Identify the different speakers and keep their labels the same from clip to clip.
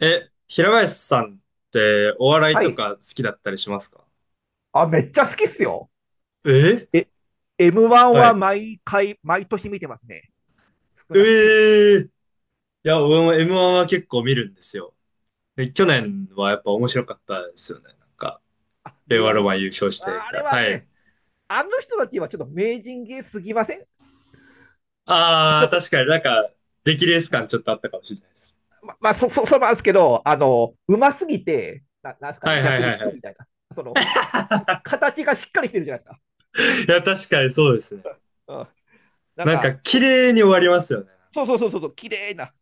Speaker 1: 平林さんってお笑い
Speaker 2: は
Speaker 1: と
Speaker 2: い。
Speaker 1: か好きだったりしますか？
Speaker 2: あ、めっちゃ好きっすよ。
Speaker 1: え。
Speaker 2: え、M1
Speaker 1: は
Speaker 2: は
Speaker 1: い。
Speaker 2: 毎回、毎年見てますね。少なくても。
Speaker 1: ええ。いや、
Speaker 2: どう
Speaker 1: 俺
Speaker 2: です
Speaker 1: も
Speaker 2: か、矢野さん
Speaker 1: M1
Speaker 2: は？
Speaker 1: は結構見るんですよ。で去年はやっぱ面白かったですよね。なんか、
Speaker 2: あ、
Speaker 1: 令
Speaker 2: 令
Speaker 1: 和
Speaker 2: 和
Speaker 1: ロ
Speaker 2: ロ
Speaker 1: マ
Speaker 2: マン。
Speaker 1: ン優勝してみ
Speaker 2: ああ
Speaker 1: た
Speaker 2: れ
Speaker 1: いな。
Speaker 2: は
Speaker 1: はい。
Speaker 2: ね、あの人たちはちょっと名人芸すぎません？とて
Speaker 1: ああ、
Speaker 2: も、
Speaker 1: 確かになんか、出来レース感ちょっとあったかもしれないです。
Speaker 2: ままあ、そうなんですけど、あの、うますぎて、なんすか
Speaker 1: は
Speaker 2: ね、
Speaker 1: いはい
Speaker 2: 逆に
Speaker 1: はい
Speaker 2: 引
Speaker 1: は
Speaker 2: くみ
Speaker 1: い。
Speaker 2: たいな。その、形がしっかりしてるじゃないですか。
Speaker 1: いや、確かにそうですね。
Speaker 2: うん。なん
Speaker 1: なんか、
Speaker 2: か、
Speaker 1: 綺麗に終わりますよね。
Speaker 2: そうそうそうそうそう、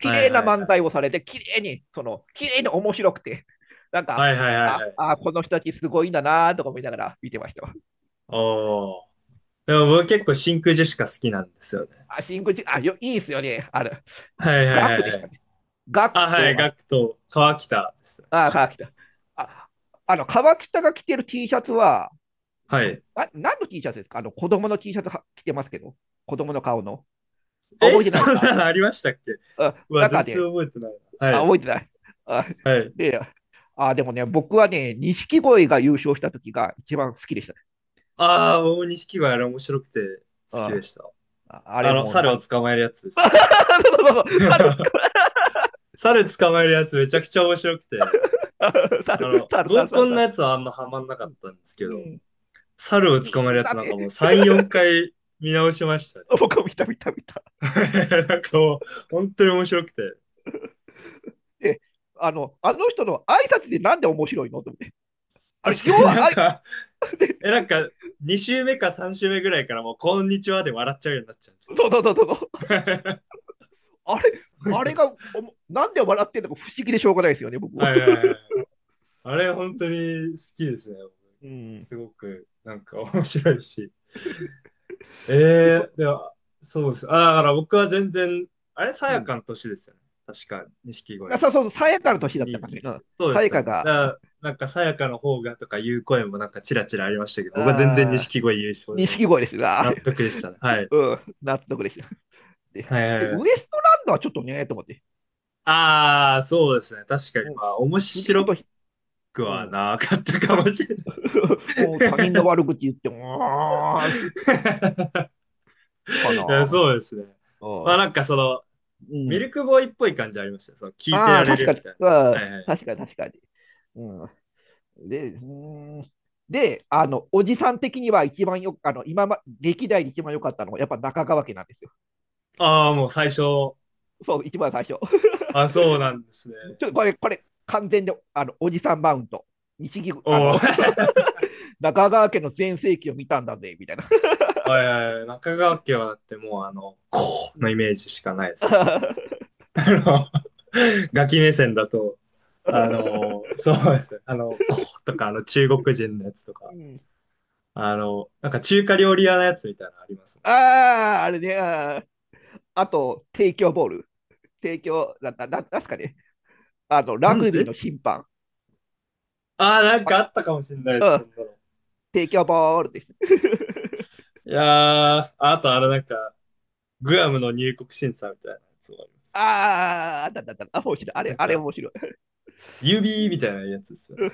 Speaker 2: 綺
Speaker 1: い
Speaker 2: 麗
Speaker 1: はい
Speaker 2: な
Speaker 1: は
Speaker 2: 漫
Speaker 1: い。
Speaker 2: 才をされて、綺麗に、その、綺麗に面白くて、なん
Speaker 1: は
Speaker 2: か、
Speaker 1: いはいはい
Speaker 2: あ、
Speaker 1: はい。
Speaker 2: あ、この人たちすごいんだなとか思いながら見てましたわ。
Speaker 1: おー。でも僕結構真空ジェシカ好きなんですよね。
Speaker 2: あシンクジあ、いいっすよね。あれ、
Speaker 1: はいはい
Speaker 2: ガク
Speaker 1: は
Speaker 2: で
Speaker 1: い
Speaker 2: し
Speaker 1: は
Speaker 2: た
Speaker 1: い。
Speaker 2: ね。ガク
Speaker 1: あ、はい、
Speaker 2: と、あ、
Speaker 1: ガクと川北ですね、
Speaker 2: あ、
Speaker 1: 確か。
Speaker 2: 川北。あ、あの、川北が着てる T シャツは、
Speaker 1: はい。
Speaker 2: あ、何の T シャツですか？あの、子供の T シャツは着てますけど、子供の顔の。あ、
Speaker 1: え、
Speaker 2: 覚えて
Speaker 1: そ
Speaker 2: ないです
Speaker 1: ん
Speaker 2: か？
Speaker 1: なのありましたっけ？
Speaker 2: うん、
Speaker 1: うわ、
Speaker 2: 中
Speaker 1: 全然
Speaker 2: で、
Speaker 1: 覚えてないな。
Speaker 2: あ、
Speaker 1: はい、
Speaker 2: 覚えてない。あ、
Speaker 1: はい。
Speaker 2: で、あ、でもね、僕はね、錦鯉が優勝した時が一番好きでした。
Speaker 1: ああ、大錦鯉あれ面白くて好きで
Speaker 2: あ
Speaker 1: した。
Speaker 2: あ、あ
Speaker 1: あ
Speaker 2: れ
Speaker 1: の、
Speaker 2: もう
Speaker 1: 猿
Speaker 2: な
Speaker 1: を
Speaker 2: ん、
Speaker 1: 捕まえるやつです
Speaker 2: そうそう
Speaker 1: よね。
Speaker 2: そう、猿、
Speaker 1: 猿捕まえるやつめちゃくちゃ面白くて、あ
Speaker 2: 猿、
Speaker 1: の、
Speaker 2: 猿、猿、
Speaker 1: 合コ
Speaker 2: 猿、
Speaker 1: ンの
Speaker 2: 猿。
Speaker 1: やつはあんまハマんなかったんです
Speaker 2: う
Speaker 1: けど、
Speaker 2: ん。
Speaker 1: 猿を捕まえ
Speaker 2: い
Speaker 1: る
Speaker 2: い、
Speaker 1: や
Speaker 2: だ
Speaker 1: つ
Speaker 2: っ
Speaker 1: なんか
Speaker 2: て、
Speaker 1: もう3、4回見直しましたね。
Speaker 2: 僕も見た見た見た。
Speaker 1: なんかもう、本当に面白くて。
Speaker 2: で、あの、あの人の挨拶でなんで面白いのと思って。あれ、
Speaker 1: 確
Speaker 2: 要
Speaker 1: かにな
Speaker 2: は、
Speaker 1: ん
Speaker 2: あい、
Speaker 1: か、なんか、2週目か3週目ぐらいからもう、こんにちはで笑っちゃうようになっちゃうんですよ。
Speaker 2: そうそうそうそう。あれ、
Speaker 1: なん
Speaker 2: あ
Speaker 1: か。
Speaker 2: れがおも、なんで笑ってんのか不思議でしょうがないですよね、僕
Speaker 1: は
Speaker 2: は。
Speaker 1: いはいはい。あれ、本当に好きですね。
Speaker 2: うん。
Speaker 1: すごく、なんか面白いし。
Speaker 2: で、そ、
Speaker 1: では、そうです。あ、だから僕は全然、あれ、さ
Speaker 2: う
Speaker 1: や
Speaker 2: ん。
Speaker 1: かの年ですよね。確か、錦
Speaker 2: な
Speaker 1: 鯉
Speaker 2: さ、そうそう、さやかの年だっ
Speaker 1: に
Speaker 2: た
Speaker 1: い
Speaker 2: か
Speaker 1: て
Speaker 2: ね。
Speaker 1: 時
Speaker 2: う
Speaker 1: っ
Speaker 2: ん。
Speaker 1: て。そうで
Speaker 2: さや
Speaker 1: すよ
Speaker 2: か
Speaker 1: ね。だか
Speaker 2: が、
Speaker 1: ら、なんかさやかの方がとかいう声もなんかチラチラありましたけど、僕は全然
Speaker 2: ああ、
Speaker 1: 錦鯉優勝で
Speaker 2: 錦鯉ですが、あ
Speaker 1: 納
Speaker 2: れ。
Speaker 1: 得でしたね。はい。
Speaker 2: うん、納得でした。で、
Speaker 1: はい
Speaker 2: で
Speaker 1: はいは
Speaker 2: ウエ
Speaker 1: い。
Speaker 2: ストランドはちょっとね、と思って。
Speaker 1: ああ、そうですね。確かに、
Speaker 2: うん、
Speaker 1: まあ、面
Speaker 2: 次の
Speaker 1: 白
Speaker 2: 時、
Speaker 1: く
Speaker 2: う
Speaker 1: は
Speaker 2: ん、
Speaker 1: なかったかもしれない。
Speaker 2: お他人の悪口言って、うーん、かな。
Speaker 1: いや、そうですね。
Speaker 2: う
Speaker 1: まあ、
Speaker 2: ん。
Speaker 1: なんかその、
Speaker 2: う
Speaker 1: ミ
Speaker 2: ん。
Speaker 1: ルクボーイっぽい感じありました。その、聞いて
Speaker 2: あ
Speaker 1: ら
Speaker 2: あ、
Speaker 1: れ
Speaker 2: 確
Speaker 1: る
Speaker 2: か
Speaker 1: み
Speaker 2: に。
Speaker 1: たいな。
Speaker 2: う
Speaker 1: は
Speaker 2: ん、
Speaker 1: いはい。
Speaker 2: 確かに、確かに。うん。で、うーん。で、あの、おじさん的には一番よく、あの、今ま、歴代で一番良かったのは、やっぱ中川家なんですよ。
Speaker 1: ああ、もう最初。
Speaker 2: そう、一番最初。
Speaker 1: あ、そうなんですね。
Speaker 2: ちょっとこれ、これ、完全で、あの、おじさんマウント。西木、あ
Speaker 1: おお。
Speaker 2: の、
Speaker 1: は
Speaker 2: 中川家の全盛期を見たんだぜ、みたいな。
Speaker 1: いはいはい。中川家はだってもう、あの、こ
Speaker 2: う
Speaker 1: うの
Speaker 2: ん
Speaker 1: イメージしかないですもん。だってもうあの、ガキ目線だと、あの、そうですね。あの、こうとか、あの、中国人のやつとか。
Speaker 2: うん、
Speaker 1: あの、なんか中華料理屋のやつみたいなのあります
Speaker 2: ああ、あれね、あー、あと、提供ボール。提供、なんすかね。あの、
Speaker 1: も
Speaker 2: ラ
Speaker 1: ん。なん
Speaker 2: グビー
Speaker 1: で。
Speaker 2: の審判。
Speaker 1: ああー、なんか
Speaker 2: あ、
Speaker 1: あったかもしれないです、そんなの。
Speaker 2: 提供ボールです。
Speaker 1: いやー、あとあれなんか、グアムの入国審査みたいなやつもあります。
Speaker 2: ああ、あったあったあった。あ、面白い。あ
Speaker 1: な
Speaker 2: れ、
Speaker 1: ん
Speaker 2: あれ
Speaker 1: か、
Speaker 2: 面白い。う
Speaker 1: 指み
Speaker 2: ん、
Speaker 1: たいなやつですよね。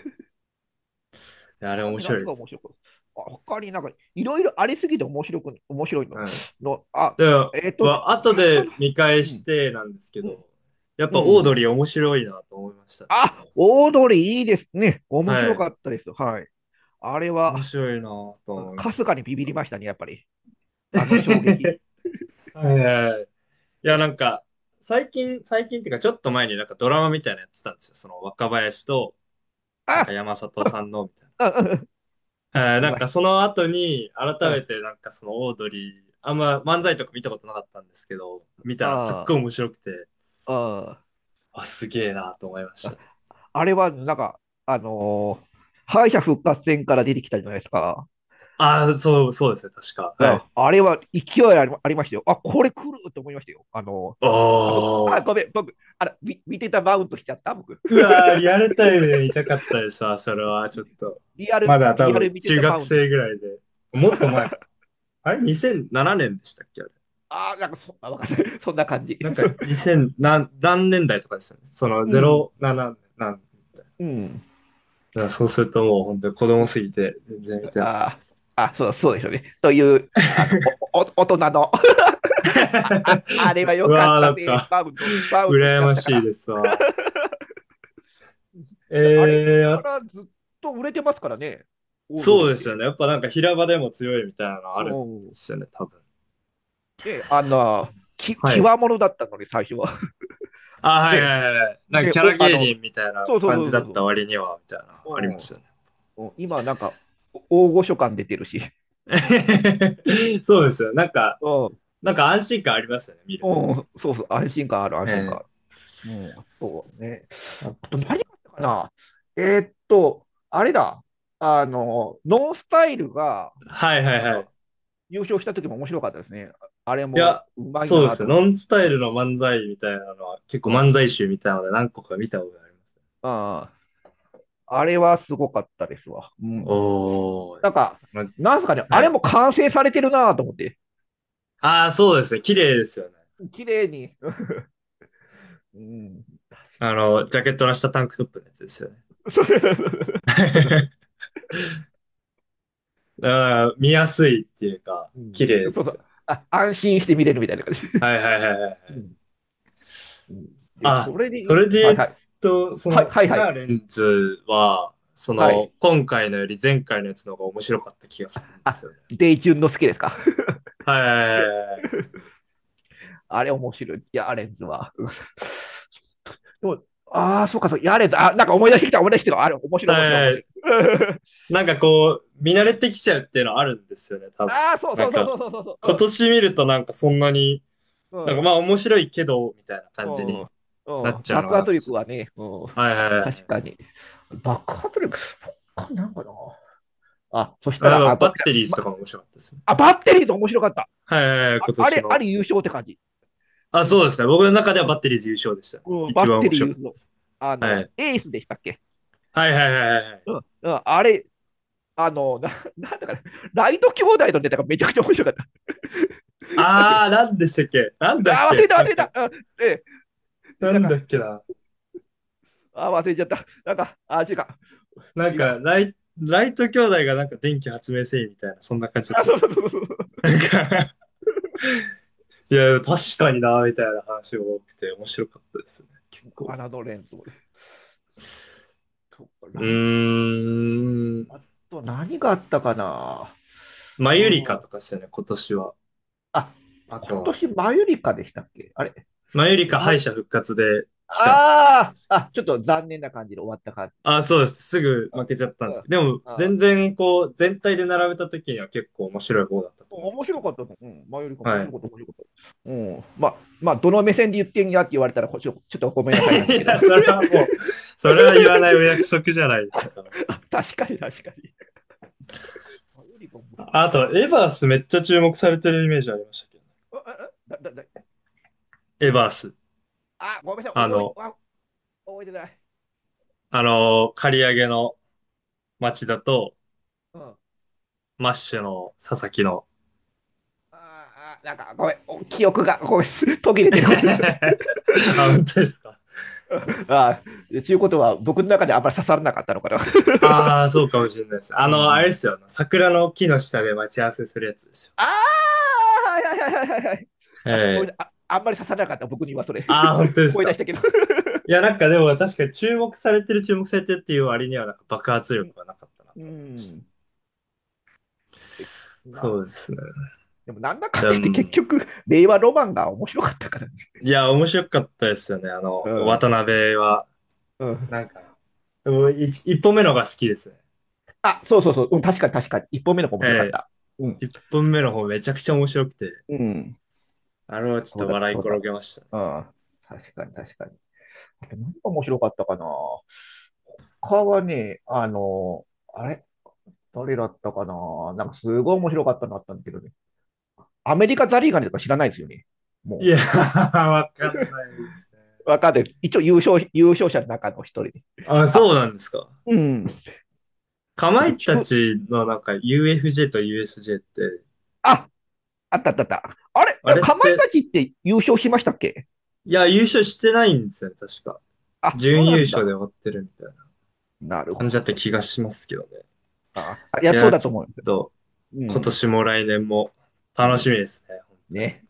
Speaker 1: いやあれ
Speaker 2: 他
Speaker 1: 面
Speaker 2: に
Speaker 1: 白い
Speaker 2: 何
Speaker 1: で
Speaker 2: が
Speaker 1: すよ
Speaker 2: 面白
Speaker 1: ね。
Speaker 2: く、あ、他になんか、いろいろありすぎて面白く、面白いの。
Speaker 1: うん。
Speaker 2: の、あ、
Speaker 1: でも、まあ、後
Speaker 2: 確か
Speaker 1: で
Speaker 2: な。
Speaker 1: 見返
Speaker 2: う
Speaker 1: し
Speaker 2: ん、
Speaker 1: てなんですけ
Speaker 2: う
Speaker 1: ど、
Speaker 2: ん、
Speaker 1: やっ
Speaker 2: う
Speaker 1: ぱオード
Speaker 2: ん。
Speaker 1: リー面白いなと思いましたね。
Speaker 2: あ、オードリーいいですね。面
Speaker 1: は
Speaker 2: 白
Speaker 1: い。
Speaker 2: かったです。はい。あれ
Speaker 1: 面
Speaker 2: は、
Speaker 1: 白いなと
Speaker 2: うん、
Speaker 1: 思いま
Speaker 2: か
Speaker 1: し
Speaker 2: す
Speaker 1: た。
Speaker 2: かにビビりましたね、やっぱり。あの衝撃。
Speaker 1: はいはいはい。いや、なんか、最近、最近っていうか、ちょっと前になんかドラマみたいなのやってたんですよ。その若林と、なんか
Speaker 2: あ、
Speaker 1: 山里さんの、みたい
Speaker 2: うんうんうんう
Speaker 1: な。
Speaker 2: ん、見
Speaker 1: なん
Speaker 2: ま
Speaker 1: か
Speaker 2: し
Speaker 1: その後に、改
Speaker 2: た。うん、
Speaker 1: めてなんかそのオードリー、あんま漫才とか見たことなかったんですけど、見たらすっご
Speaker 2: あ
Speaker 1: い面白くて、
Speaker 2: あ、
Speaker 1: あ、すげえなと思いました
Speaker 2: あ
Speaker 1: ね。
Speaker 2: あれは、なんか、あのー敗者復活戦から出てきたじゃないですか。
Speaker 1: ああ、そう、そうですね、確か。はい。
Speaker 2: ああれは勢いあり、ありましたよ。あ、これ来ると思いましたよ。あ、僕、あ、
Speaker 1: お
Speaker 2: ごめ
Speaker 1: ー。
Speaker 2: ん、僕、あら、み見てたマウントしちゃった、僕。
Speaker 1: うわー、リアルタイムで見たかったですわ、それは、ちょ
Speaker 2: リ、
Speaker 1: っと。
Speaker 2: リア
Speaker 1: ま
Speaker 2: ル、
Speaker 1: だ多
Speaker 2: リア
Speaker 1: 分、
Speaker 2: ル見て
Speaker 1: 中
Speaker 2: たマ
Speaker 1: 学
Speaker 2: ウントし。
Speaker 1: 生ぐらいで。もっと前か。あれ？ 2007 年でしたっけ？あれ？
Speaker 2: ああ、なんかそ、なわかんない。そんな感じ。
Speaker 1: なんか 2000何、何年代とかですよね。その
Speaker 2: うん、
Speaker 1: 07何年みたい
Speaker 2: うん、
Speaker 1: な。だからそうするともう本当に子
Speaker 2: う
Speaker 1: 供す
Speaker 2: ん。
Speaker 1: ぎて全然見てない。
Speaker 2: ああ、あ、そう、そうですよね。という、あの、お、お、大人の あ、あ、あれは
Speaker 1: う
Speaker 2: 良かっ
Speaker 1: わー
Speaker 2: た
Speaker 1: なん
Speaker 2: ね。
Speaker 1: か
Speaker 2: バウンド、バウンドしち
Speaker 1: 羨
Speaker 2: ゃっ
Speaker 1: ま
Speaker 2: たか
Speaker 1: しい
Speaker 2: ら。
Speaker 1: ですわ。
Speaker 2: で、あれか
Speaker 1: あ、
Speaker 2: らずっと売れてますからね、オード
Speaker 1: そ
Speaker 2: リ
Speaker 1: う
Speaker 2: ーっ
Speaker 1: ですよ
Speaker 2: て。
Speaker 1: ね。やっぱなんか平場でも強いみたいなのあるんで
Speaker 2: おうん、
Speaker 1: すよね、多分。
Speaker 2: で、あの、き、
Speaker 1: はい。
Speaker 2: 際物だったのに、最初は。
Speaker 1: あ、はいは
Speaker 2: で、
Speaker 1: いはいはい。なんか
Speaker 2: で、
Speaker 1: キャラ
Speaker 2: お、あ
Speaker 1: 芸
Speaker 2: の、
Speaker 1: 人みたいな
Speaker 2: そうそう
Speaker 1: 感
Speaker 2: そ
Speaker 1: じ
Speaker 2: う
Speaker 1: だ
Speaker 2: そう
Speaker 1: っ
Speaker 2: そ
Speaker 1: た割には、みたいな、ありま
Speaker 2: う。
Speaker 1: すよね。
Speaker 2: うん、うん今、なんか、お大御所感出てるし。
Speaker 1: そうですよ。なんか、
Speaker 2: うん、
Speaker 1: なんか安心感ありますよね、見ると。
Speaker 2: うん、そうそう、安心感ある、安心感
Speaker 1: ええ。
Speaker 2: ある。うん、あとね、
Speaker 1: あ
Speaker 2: あと
Speaker 1: と。
Speaker 2: 何があったかな？あれだ、あの、ノンスタイルが、
Speaker 1: はいはい
Speaker 2: なん
Speaker 1: は
Speaker 2: か、
Speaker 1: い。
Speaker 2: 優勝した時も面白かったですね。あれ
Speaker 1: い
Speaker 2: も
Speaker 1: や、
Speaker 2: うまい
Speaker 1: そうで
Speaker 2: な
Speaker 1: す
Speaker 2: と
Speaker 1: よ。
Speaker 2: 思っ
Speaker 1: ノ
Speaker 2: て。
Speaker 1: ンスタ
Speaker 2: う
Speaker 1: イ
Speaker 2: ん。
Speaker 1: ルの漫才みたいなのは、結構
Speaker 2: うん。
Speaker 1: 漫
Speaker 2: あ
Speaker 1: 才集みたいなので何個か見たことあります。
Speaker 2: あ。あれはすごかったですわ。うん。
Speaker 1: おー。
Speaker 2: なんか、
Speaker 1: ま、
Speaker 2: なんすかね、あ
Speaker 1: は
Speaker 2: れ
Speaker 1: い。
Speaker 2: も完成されてるなと思って。
Speaker 1: ああ、そうですね。綺麗ですよね。
Speaker 2: 綺麗に。うん。
Speaker 1: あの、ジャケットの下タンクトップのやつですよね。
Speaker 2: そう
Speaker 1: だから見やすいっていうか、
Speaker 2: う
Speaker 1: 綺
Speaker 2: ん、
Speaker 1: 麗で
Speaker 2: そうそ
Speaker 1: すよ。
Speaker 2: う。あ、安心して見れるみたいな感じ。
Speaker 1: はいはいはいはいはい。
Speaker 2: うん、うん、で、
Speaker 1: あ、
Speaker 2: それで
Speaker 1: そ
Speaker 2: 言う
Speaker 1: れ
Speaker 2: と、
Speaker 1: で
Speaker 2: はい
Speaker 1: 言
Speaker 2: は
Speaker 1: う
Speaker 2: い。
Speaker 1: と、そ
Speaker 2: はい
Speaker 1: の、
Speaker 2: はい
Speaker 1: イ
Speaker 2: は
Speaker 1: ヤー
Speaker 2: い。
Speaker 1: レンズは、そ
Speaker 2: は
Speaker 1: の、
Speaker 2: い。
Speaker 1: 今回のより前回のやつの方が面白かった気がするんです
Speaker 2: あ、
Speaker 1: よね。
Speaker 2: デイチュンの好きですか？
Speaker 1: はいは い
Speaker 2: い
Speaker 1: は
Speaker 2: や、
Speaker 1: いはい。
Speaker 2: あれ面白い。いや、アレンズは。うん、でも、ああ、そうか、そう、やれず、あ、なんか思い出してきた、思い出してきた。あれ、面
Speaker 1: は
Speaker 2: 白い、面白い、面白
Speaker 1: い。
Speaker 2: い。
Speaker 1: なんか
Speaker 2: そ、
Speaker 1: こう、見慣れてきちゃうっていうのはあるんですよね、多分。
Speaker 2: ああ、そう
Speaker 1: な
Speaker 2: そ
Speaker 1: ん
Speaker 2: うそう
Speaker 1: か、
Speaker 2: そうそうそうそ
Speaker 1: 今
Speaker 2: う。
Speaker 1: 年見るとなんかそんなに、なんか
Speaker 2: う
Speaker 1: まあ面白いけど、みたいな感じ
Speaker 2: ん、う
Speaker 1: に
Speaker 2: ん、う
Speaker 1: な
Speaker 2: ん、う
Speaker 1: っ
Speaker 2: ん。
Speaker 1: ちゃうの
Speaker 2: 爆
Speaker 1: がなん
Speaker 2: 発
Speaker 1: かち
Speaker 2: 力
Speaker 1: ょっ
Speaker 2: は
Speaker 1: と。
Speaker 2: ね、うん、
Speaker 1: はいはいはいは
Speaker 2: 確
Speaker 1: い。
Speaker 2: かに。爆発力、そっか、なんかな。あ、そした
Speaker 1: や
Speaker 2: ら、
Speaker 1: っ
Speaker 2: あ、
Speaker 1: ぱ
Speaker 2: ば、
Speaker 1: バッテリーズと
Speaker 2: ば、
Speaker 1: かも面白かったですね。
Speaker 2: あ、バッテリーと面白かった。
Speaker 1: はいはいはい、
Speaker 2: あ、
Speaker 1: 今
Speaker 2: あ
Speaker 1: 年
Speaker 2: れ、あ
Speaker 1: の。
Speaker 2: れ優勝って感じ。
Speaker 1: あ、
Speaker 2: う
Speaker 1: そう
Speaker 2: ん、
Speaker 1: ですね。僕の中ではバッテリーズ優勝でしたね。
Speaker 2: うん、
Speaker 1: 一
Speaker 2: バッ
Speaker 1: 番
Speaker 2: テ
Speaker 1: 面
Speaker 2: リー
Speaker 1: 白
Speaker 2: 優
Speaker 1: かった
Speaker 2: 勝。
Speaker 1: です。
Speaker 2: あ
Speaker 1: は
Speaker 2: の、
Speaker 1: い。
Speaker 2: エースでしたっけ？
Speaker 1: はいはいはいはいはい。
Speaker 2: うん、うん、あれ、あの、なんだかね、ライト兄弟のネタがめちゃくちゃ面白かった。
Speaker 1: あー、なんでしたっけ？なんだっ
Speaker 2: あ忘れ
Speaker 1: け？
Speaker 2: た、忘
Speaker 1: なん
Speaker 2: れた。
Speaker 1: か、
Speaker 2: う、ええ、
Speaker 1: な
Speaker 2: な
Speaker 1: んだ
Speaker 2: か、
Speaker 1: っけな。
Speaker 2: あ忘れちゃった。なんか、あ違うか。
Speaker 1: なん
Speaker 2: いい
Speaker 1: か、
Speaker 2: か。
Speaker 1: ライト兄弟がなんか電気発明せいみたいな、そんな感じだっ
Speaker 2: あ、
Speaker 1: たっ
Speaker 2: そう
Speaker 1: け？
Speaker 2: そうそうそう。
Speaker 1: なんか、いや、確かにな、みたいな話が多くて面白かったですね、結構。
Speaker 2: あなどれんと、
Speaker 1: う
Speaker 2: ライト、
Speaker 1: ー
Speaker 2: あ
Speaker 1: ん。
Speaker 2: と何があったかな？
Speaker 1: マユリカ
Speaker 2: うん。
Speaker 1: とかですよね、今年は。
Speaker 2: あ、
Speaker 1: あ
Speaker 2: 今
Speaker 1: とは。
Speaker 2: 年、マユリカでしたっけ？あれ、
Speaker 1: マユリ
Speaker 2: 終
Speaker 1: カ
Speaker 2: わ
Speaker 1: 敗
Speaker 2: り、
Speaker 1: 者復活で来たんですよ。
Speaker 2: あーあ、ちょっと残念な感じで終わった感
Speaker 1: あ、
Speaker 2: じで
Speaker 1: そ
Speaker 2: し
Speaker 1: うで
Speaker 2: たっけ？
Speaker 1: す。すぐ
Speaker 2: あ、
Speaker 1: 負けちゃったんで
Speaker 2: う
Speaker 1: す
Speaker 2: ん。
Speaker 1: けど、でも
Speaker 2: あ
Speaker 1: 全
Speaker 2: ー、
Speaker 1: 然こう、全体で並べた時には結構面白い方だったと思いま
Speaker 2: 面
Speaker 1: すけ
Speaker 2: 白
Speaker 1: ど。
Speaker 2: かったね。うん。マユリカも面
Speaker 1: は
Speaker 2: 白
Speaker 1: い。
Speaker 2: かった、面白かった。うん。まあ、まあ、どの目線で言ってんやって言われたら、こちょ、ちょっとご めんなさいなんだけ
Speaker 1: い
Speaker 2: ど。
Speaker 1: や、それはもう、それは言わないお約束じゃないですか。
Speaker 2: 確かに、確かに。あ、よりも面白か
Speaker 1: あ
Speaker 2: っ
Speaker 1: と、エバースめっちゃ注目されてるイメージありましたけどね。
Speaker 2: た。あ、あ、だ、だ、だ、エ
Speaker 1: エ
Speaker 2: ヴ
Speaker 1: バ
Speaker 2: ァ、
Speaker 1: ース。
Speaker 2: あ、ごめんなさい、
Speaker 1: あ
Speaker 2: 覚え、
Speaker 1: の、
Speaker 2: あ、覚えてない。
Speaker 1: あの、刈り上げの町田と、
Speaker 2: うん。あ
Speaker 1: マッシュの佐々木の。
Speaker 2: あ、なんか、ごめん、お記憶が、ごめん、途切れてる。ごめんなさい、
Speaker 1: あ、本当ですか。
Speaker 2: ああ、ちゅうことは、僕の中であんまり刺さらなかったのかな。
Speaker 1: ああ、そうかもしれないです。
Speaker 2: う
Speaker 1: あ
Speaker 2: ん、う
Speaker 1: の、あれで
Speaker 2: ん。
Speaker 1: すよ。あの桜の木の下で待ち合わせするやつですよ。
Speaker 2: ああ、はいはいはいはいはい、
Speaker 1: え
Speaker 2: あ、ごめん
Speaker 1: え。
Speaker 2: なさい、あ、あんまり刺さらなかった、僕にはそれ。
Speaker 1: ああ、本当 です
Speaker 2: 声出し
Speaker 1: か。
Speaker 2: たけど。
Speaker 1: いや、なんかでも確かに注目されてる、注目されてるっていう割には、なんか爆発
Speaker 2: うん。
Speaker 1: 力はなかったな
Speaker 2: う
Speaker 1: と思いました。
Speaker 2: ん、で、
Speaker 1: そ
Speaker 2: ま
Speaker 1: うで
Speaker 2: あ、
Speaker 1: すね。
Speaker 2: でも、なんだかんだ
Speaker 1: で
Speaker 2: 言って、結
Speaker 1: も、
Speaker 2: 局、令和ロマンが面白かったから。
Speaker 1: いや、面白かったですよね。あの、
Speaker 2: うん、
Speaker 1: 渡辺は。
Speaker 2: うん。
Speaker 1: なんか、でも一本目のが好きですね。
Speaker 2: あ、そうそうそう、うん、確かに確かに。一本目の子面白かっ
Speaker 1: え
Speaker 2: た。うん。
Speaker 1: え。一本目の方めちゃくちゃ面白くて。
Speaker 2: うん。
Speaker 1: あれはちょっ
Speaker 2: そう
Speaker 1: と
Speaker 2: だった、
Speaker 1: 笑い
Speaker 2: そう
Speaker 1: 転
Speaker 2: だ。
Speaker 1: げましたね。
Speaker 2: うん。確かに確かに。あと何が面白かったかな？他はね、あの、あれ、誰だったかな。なんかすごい面白かったのあったんだけどね。アメリカザリガニとか知らないですよね。
Speaker 1: い
Speaker 2: も
Speaker 1: やー、わかんないですね。
Speaker 2: う、わかんない。一応優勝、優勝者の中の一人で。
Speaker 1: あ、
Speaker 2: あ、
Speaker 1: そうなんですか。
Speaker 2: うん。
Speaker 1: か
Speaker 2: あ
Speaker 1: ま
Speaker 2: と
Speaker 1: いた
Speaker 2: 中、
Speaker 1: ちのなんか UFJ と USJ って、
Speaker 2: あ、あったあったあった。あれ、
Speaker 1: あれっ
Speaker 2: かまいた
Speaker 1: て、
Speaker 2: ちって優勝しましたっけ？
Speaker 1: いや、優勝してないんですよね、確か。
Speaker 2: あ、そう
Speaker 1: 準
Speaker 2: な
Speaker 1: 優
Speaker 2: ん
Speaker 1: 勝で
Speaker 2: だ。
Speaker 1: 終わってるみたいな
Speaker 2: なる
Speaker 1: 感じだ
Speaker 2: ほ
Speaker 1: った
Speaker 2: ど。
Speaker 1: 気がしますけどね。
Speaker 2: ああ、い
Speaker 1: い
Speaker 2: や、そう
Speaker 1: や、
Speaker 2: だ
Speaker 1: ち
Speaker 2: と思
Speaker 1: ょ
Speaker 2: う。
Speaker 1: っと、
Speaker 2: う
Speaker 1: 今
Speaker 2: ん。
Speaker 1: 年も来年も
Speaker 2: う
Speaker 1: 楽
Speaker 2: ん。
Speaker 1: しみですね、本当に。
Speaker 2: ね。